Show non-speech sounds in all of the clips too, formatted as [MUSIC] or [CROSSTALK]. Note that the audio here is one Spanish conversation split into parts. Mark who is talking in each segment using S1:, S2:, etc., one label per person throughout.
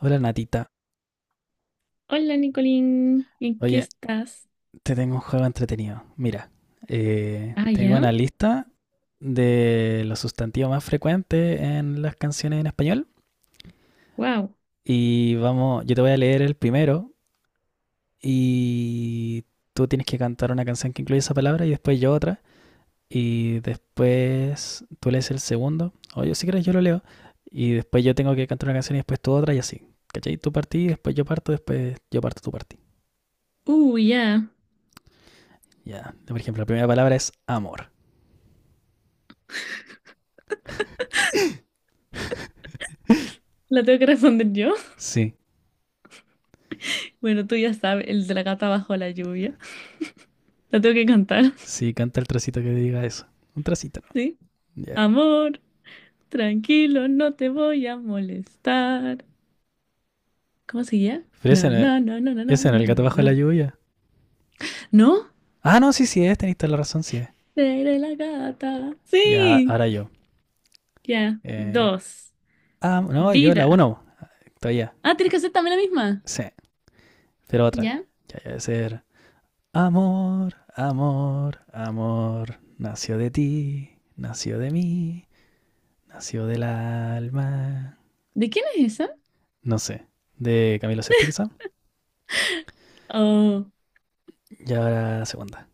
S1: Hola Natita.
S2: Hola, Nicolín, ¿en qué
S1: Oye,
S2: estás?
S1: te tengo un juego entretenido. Mira,
S2: Ah,
S1: tengo
S2: ya.
S1: una lista de los sustantivos más frecuentes en las canciones en español.
S2: Wow.
S1: Y vamos, yo te voy a leer el primero y tú tienes que cantar una canción que incluye esa palabra y después yo otra. Y después tú lees el segundo. O yo si quieres yo lo leo. Y después yo tengo que cantar una canción y después tú otra y así. ¿Cachai? Tú partí, después yo parto, tú partí.
S2: Ya.
S1: Ya. Por ejemplo, la primera palabra es amor.
S2: La tengo que responder yo. [LAUGHS]
S1: Sí.
S2: Bueno, tú ya sabes, el de la gata bajo la lluvia. La tengo que cantar,
S1: Sí, canta el trocito que diga eso. Un trocito,
S2: [LAUGHS] ¿sí?
S1: ¿no? Ya.
S2: Amor, tranquilo, no te voy a molestar. ¿Cómo seguía?
S1: Pero
S2: Na,
S1: ese, no es-
S2: na, na, na, na, na,
S1: ese en
S2: na,
S1: el
S2: na,
S1: gato
S2: na,
S1: bajo
S2: na.
S1: la lluvia.
S2: ¿No?
S1: Ah, no, sí es, tenéis toda la razón, sí es.
S2: Seré la gata.
S1: Ya,
S2: Sí.
S1: ahora yo.
S2: Ya.
S1: Eh,
S2: Dos.
S1: no, yo la
S2: Vida.
S1: uno, todavía.
S2: Ah, tienes que hacer también la misma.
S1: Sí, pero otra.
S2: ¿Ya?
S1: Ya, debe ser. Amor, amor, amor, nació de ti, nació de mí, nació del alma.
S2: ¿De quién es esa?
S1: No sé, de Camilo Sesto quizá.
S2: Oh,
S1: Y ahora la segunda.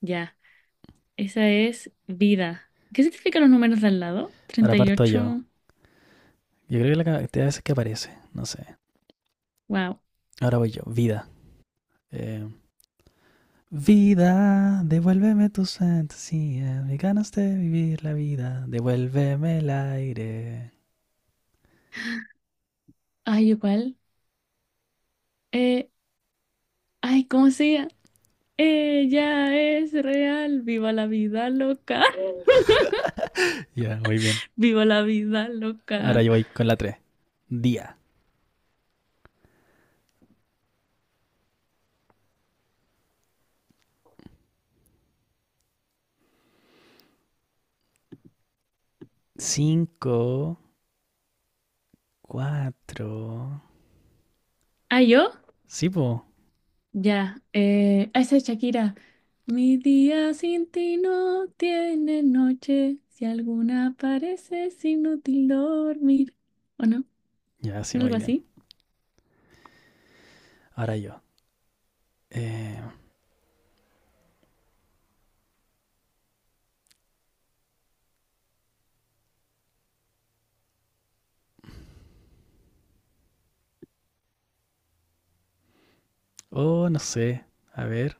S2: ya. Esa es vida. ¿Qué significan los números de al lado?
S1: Ahora
S2: Treinta y
S1: parto yo.
S2: ocho.
S1: Yo creo que la cantidad de veces que aparece, no sé.
S2: Wow.
S1: Ahora voy yo, vida. Eh, vida, devuélveme tus fantasías, me ganas de vivir la vida, devuélveme el aire.
S2: Ay, igual. Eh, ay, ¿cómo se llama? Ella es real. Viva la vida loca. [LAUGHS]
S1: Ya, yeah, muy bien.
S2: Viva la vida
S1: Ahora
S2: loca.
S1: yo voy con la tres. Día. Cinco. Cuatro.
S2: ¿Ah, yo?
S1: Sí, po.
S2: Ya. Esa es Shakira. Mi día sin ti no tiene noche. Si alguna parece es inútil dormir. ¿O no?
S1: Ya, yeah, sí, muy
S2: ¿Algo
S1: bien.
S2: así?
S1: Ahora yo. Eh, oh, no sé. A ver.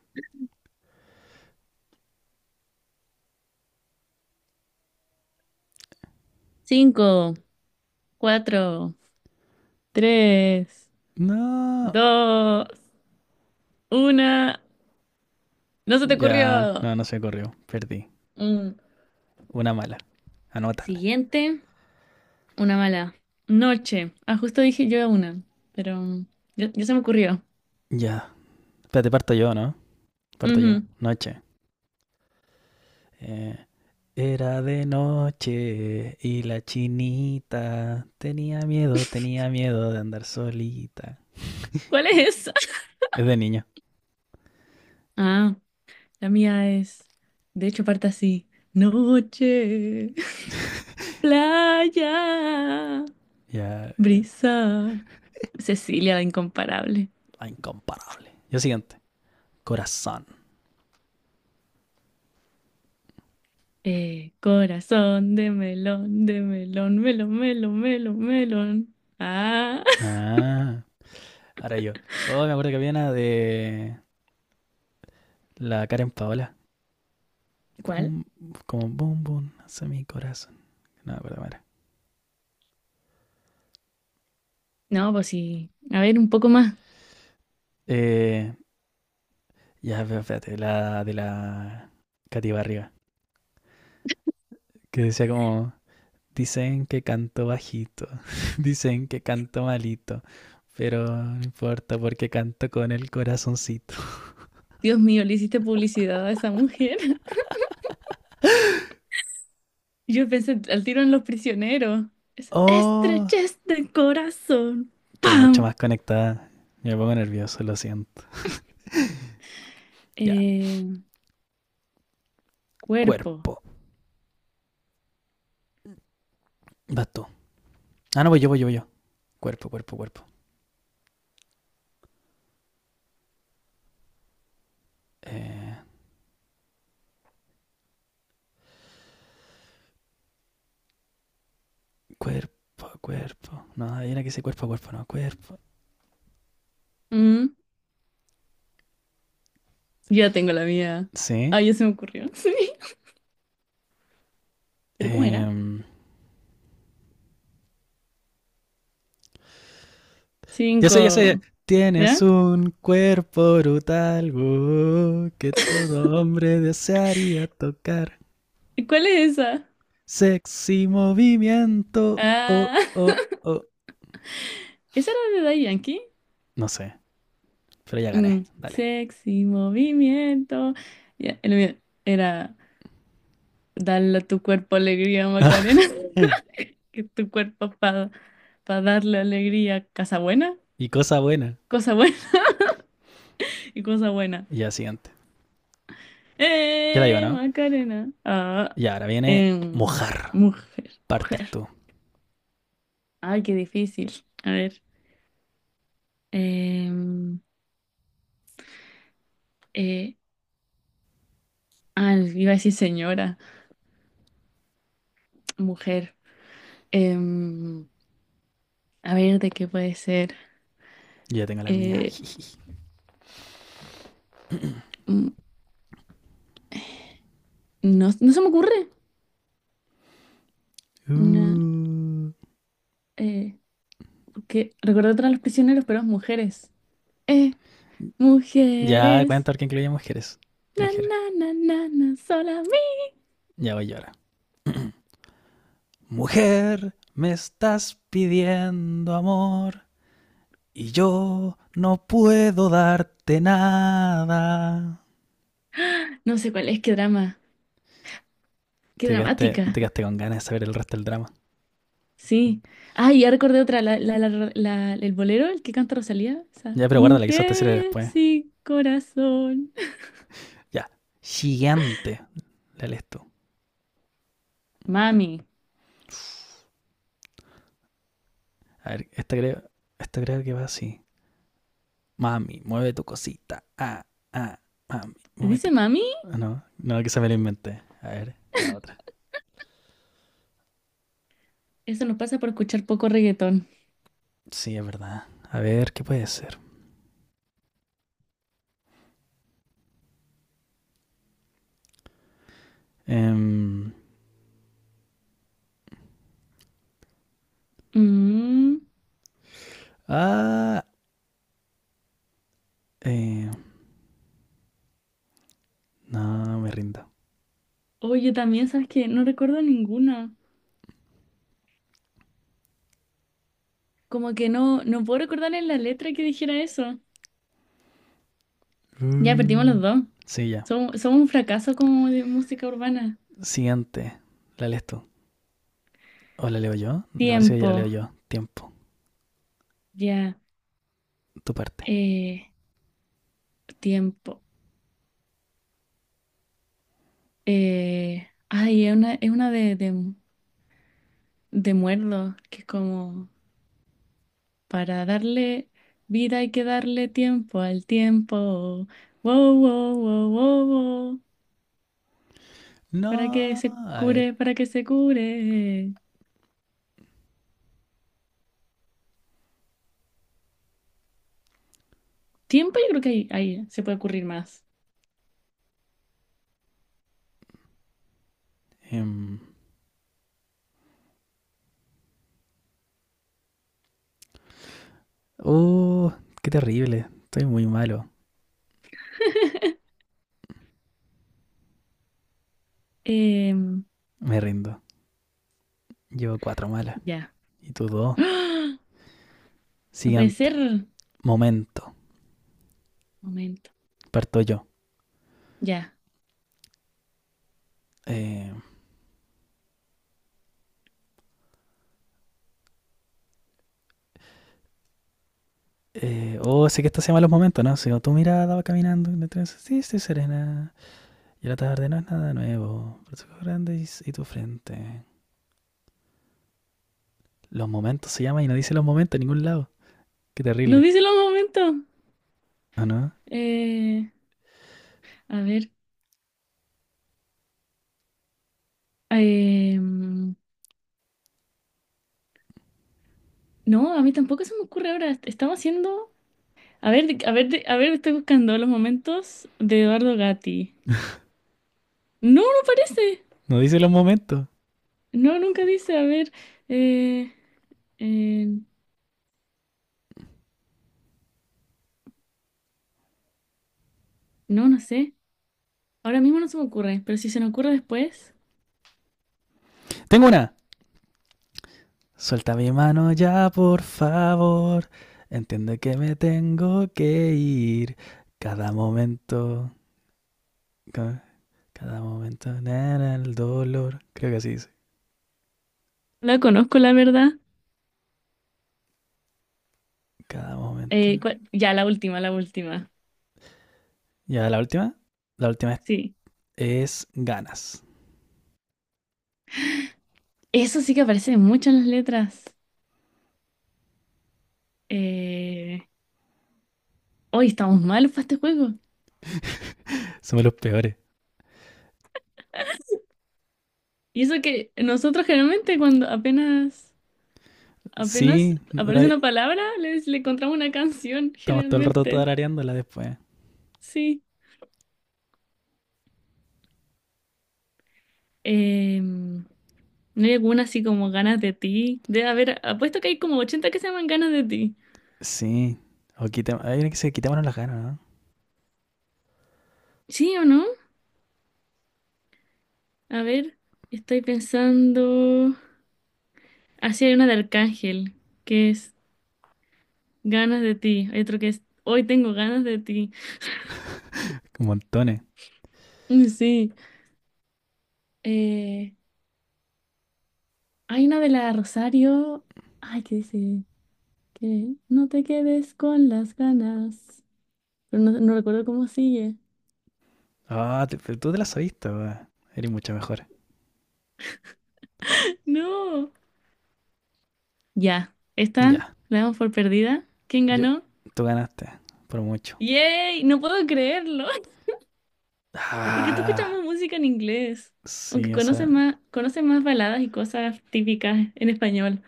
S2: Cinco, cuatro, tres.
S1: No.
S2: Dos, una. No se te
S1: Ya,
S2: ocurrió.
S1: no, no se corrió. Perdí.
S2: Mm.
S1: Una mala. Anótala.
S2: Siguiente, una mala. Noche. Ah, justo dije yo una, pero ya, ya se me ocurrió.
S1: Ya. Espérate, parto yo, ¿no? Parto yo.
S2: Ujú.
S1: Noche. Eh, Era de noche y la chinita tenía miedo de andar solita.
S2: ¿Cuál es esa? [LAUGHS]
S1: Es de niño.
S2: Ah, la mía es. De hecho, parte así. Noche, [LAUGHS] playa,
S1: Ya,
S2: brisa. Cecilia, la incomparable.
S1: la incomparable. Yo siguiente. Corazón.
S2: Corazón de melón, melón, melón, melón, melón. Ah.
S1: Ah, ahora yo. Oh, me acuerdo que había una de la Karen Paola.
S2: ¿Cuál?
S1: Boom, como boom, boom, hace mi corazón. No me acuerdo cómo.
S2: No, pues sí. A ver, un poco más.
S1: Eh, ya, pero espérate, la de la Katy Barriga. Que decía como, dicen que canto bajito, [LAUGHS] dicen que canto malito, pero no importa porque canto con el corazoncito.
S2: Dios mío, le hiciste publicidad a esa mujer. [LAUGHS] Yo pensé al tiro en Los Prisioneros. Es
S1: Oh,
S2: estrechez del corazón.
S1: estoy mucho
S2: ¡Pam!
S1: más conectada. Me pongo nervioso, lo siento. Ya,
S2: Eh, cuerpo.
S1: cuerpo. Vas tú. Ah, no, voy yo. Cuerpo. Eh, cuerpo. No, hay una que dice cuerpo a cuerpo, no, cuerpo.
S2: Mm, ya tengo la mía.
S1: Sí.
S2: Ah, ya se me ocurrió. [LAUGHS] Sí. ¿Pero cómo era?
S1: Em, ya sé.
S2: Cinco.
S1: Tienes
S2: ¿Ya?
S1: un cuerpo brutal que todo hombre desearía tocar.
S2: ¿Y cuál es esa?
S1: Sexy movimiento. Oh,
S2: Ah,
S1: oh,
S2: [LAUGHS]
S1: oh.
S2: ¿esa era de Daddy Yankee?
S1: No sé, pero ya
S2: Mm,
S1: gané. Dale.
S2: sexy movimiento. Ya, el mío era. Dale a tu cuerpo alegría, Macarena. [LAUGHS]
S1: [LAUGHS]
S2: Que tu cuerpo para darle alegría. Casa buena,
S1: y cosa buena.
S2: cosa buena [LAUGHS] y cosa buena.
S1: Ya, siguiente. Ya la digo,
S2: ¡Eh,
S1: ¿no?
S2: Macarena! Ah,
S1: Y ahora viene
S2: em,
S1: mojar.
S2: mujer,
S1: Partes
S2: mujer.
S1: tú.
S2: Ay, qué difícil. A ver. em, eh, ah, iba a decir señora, mujer. Em, a ver, ¿de qué puede ser?
S1: Yo ya tengo la mía.
S2: Eh,
S1: [LAUGHS]
S2: mm, no se me ocurre. Una,
S1: Uh.
S2: eh, porque recordé otra de los prisioneros, pero es mujeres. Eh,
S1: Ya,
S2: mujeres.
S1: cuenta que incluye mujeres.
S2: Na,
S1: Mujer.
S2: na, na, na, na, sola mía.
S1: Ya voy yo ahora. Mujer, me estás pidiendo amor. Y yo no puedo darte nada.
S2: No sé cuál es, qué drama. Qué
S1: Te quedaste, te
S2: dramática.
S1: quedaste con ganas de saber el resto del drama.
S2: Sí. Ah, y ya recordé otra, el bolero, el que canta Rosalía. Esa.
S1: Ya, pero guárdala, quizás te sirve
S2: Mujer
S1: después.
S2: sin corazón.
S1: Ya. Gigante. Dale esto.
S2: Mami.
S1: A ver, esta creo que va así. Mami, mueve tu cosita. Ah, mami, mueve tu
S2: ¿Dice
S1: cosita.
S2: mami?
S1: Ah, no, no, que se me lo inventé. A ver, ya otra.
S2: Eso nos pasa por escuchar poco reggaetón.
S1: Sí, es verdad. A ver, ¿qué puede ser? Em,
S2: Mm.
S1: ah, eh, no, me rindo.
S2: Oye, también, ¿sabes qué? No recuerdo ninguna. Como que no puedo recordar en la letra que dijera eso. Ya perdimos los
S1: Mm,
S2: dos.
S1: sí, ya.
S2: Somos un fracaso como de música urbana.
S1: Siguiente. ¿La lees tú? ¿O la leo yo? Me parece que ya la leo
S2: Tiempo,
S1: yo. Tiempo.
S2: ya.
S1: Tu parte.
S2: eh, tiempo. Ay, es una, de, muerdo, que es como para darle vida hay que darle tiempo al tiempo. Wow, wow, wow, wow, wow. Para que
S1: No.
S2: se
S1: A ver.
S2: cure, para que se cure. Tiempo, yo creo que ahí se puede ocurrir más.
S1: em, Oh, qué terrible. Estoy muy malo.
S2: Em,
S1: Me rindo. Llevo cuatro malas.
S2: ya.
S1: Y tú dos.
S2: ¡Ah! No puede
S1: Siguiente.
S2: ser.
S1: Momento.
S2: Momento.
S1: Parto yo.
S2: Ya.
S1: Eh, oh, sé que esto se llama los momentos, ¿no? Si tu mirada va caminando en el sí, estoy serena. Y la tarde no es nada nuevo. Pero tus ojos grandes y tu frente. Los momentos se llama y no dice los momentos en ningún lado. Qué
S2: No
S1: terrible.
S2: dice los momentos.
S1: ¿O no?
S2: Eh, a ver. Em, no, a mí tampoco se me ocurre ahora. Estamos haciendo. A ver, estoy buscando los momentos de Eduardo Gatti. No, no parece.
S1: No dice los momentos.
S2: No, nunca dice. A ver. eh, eh, no, no sé. Ahora mismo no se me ocurre, pero si se me ocurre después.
S1: Tengo una. Suelta mi mano ya, por favor. Entiende que me tengo que ir. Cada momento, cada momento, nana, el dolor. Creo que así dice.
S2: La conozco, la verdad.
S1: Cada
S2: Eh,
S1: momento.
S2: ¿cuál- ya, la última, la última.
S1: Ya, la última. La última
S2: Sí.
S1: es ganas.
S2: Eso sí que aparece mucho en las letras. Eh, hoy estamos malos para este juego.
S1: Somos los peores.
S2: Y eso que nosotros generalmente cuando apenas. Apenas
S1: Sí,
S2: aparece una palabra, le encontramos una canción,
S1: estamos todo el rato
S2: generalmente.
S1: tarareándola después.
S2: Sí. Em, no hay alguna así como ganas de ti. Debe haber, apuesto que hay como 80 que se llaman ganas de ti.
S1: Sí. O quitemos, hay una que se quitémonos las ganas, ¿no?
S2: ¿Sí o no? A ver, estoy pensando. Así hay una de Arcángel, que es ganas de ti. Hay otro que es hoy tengo ganas de ti. [LAUGHS]
S1: Montones.
S2: Mm, sí. Eh, hay una de la Rosario. Ay, ¿qué dice? Que no te quedes con las ganas, pero no recuerdo cómo sigue.
S1: Ah, te- pero tú te las sabiste, weón. Eres mucho mejor.
S2: No. Ya, esta
S1: Ya.
S2: la damos por perdida. ¿Quién
S1: Yo,
S2: ganó?
S1: tú ganaste, por mucho.
S2: ¡Yay! No puedo creerlo. [LAUGHS] Es que tú escuchas
S1: Ah,
S2: más música en inglés.
S1: sí,
S2: Aunque
S1: esa.
S2: conoces más baladas y cosas típicas en español.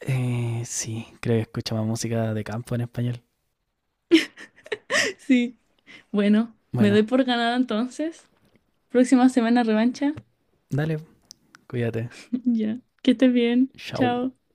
S1: Eh, sí, creo que escucha más música de campo en español.
S2: [LAUGHS] Sí. Bueno, me doy
S1: Bueno,
S2: por ganada entonces. Próxima semana revancha.
S1: dale, cuídate.
S2: [LAUGHS] Ya. Que estés bien.
S1: Chau.
S2: Chao.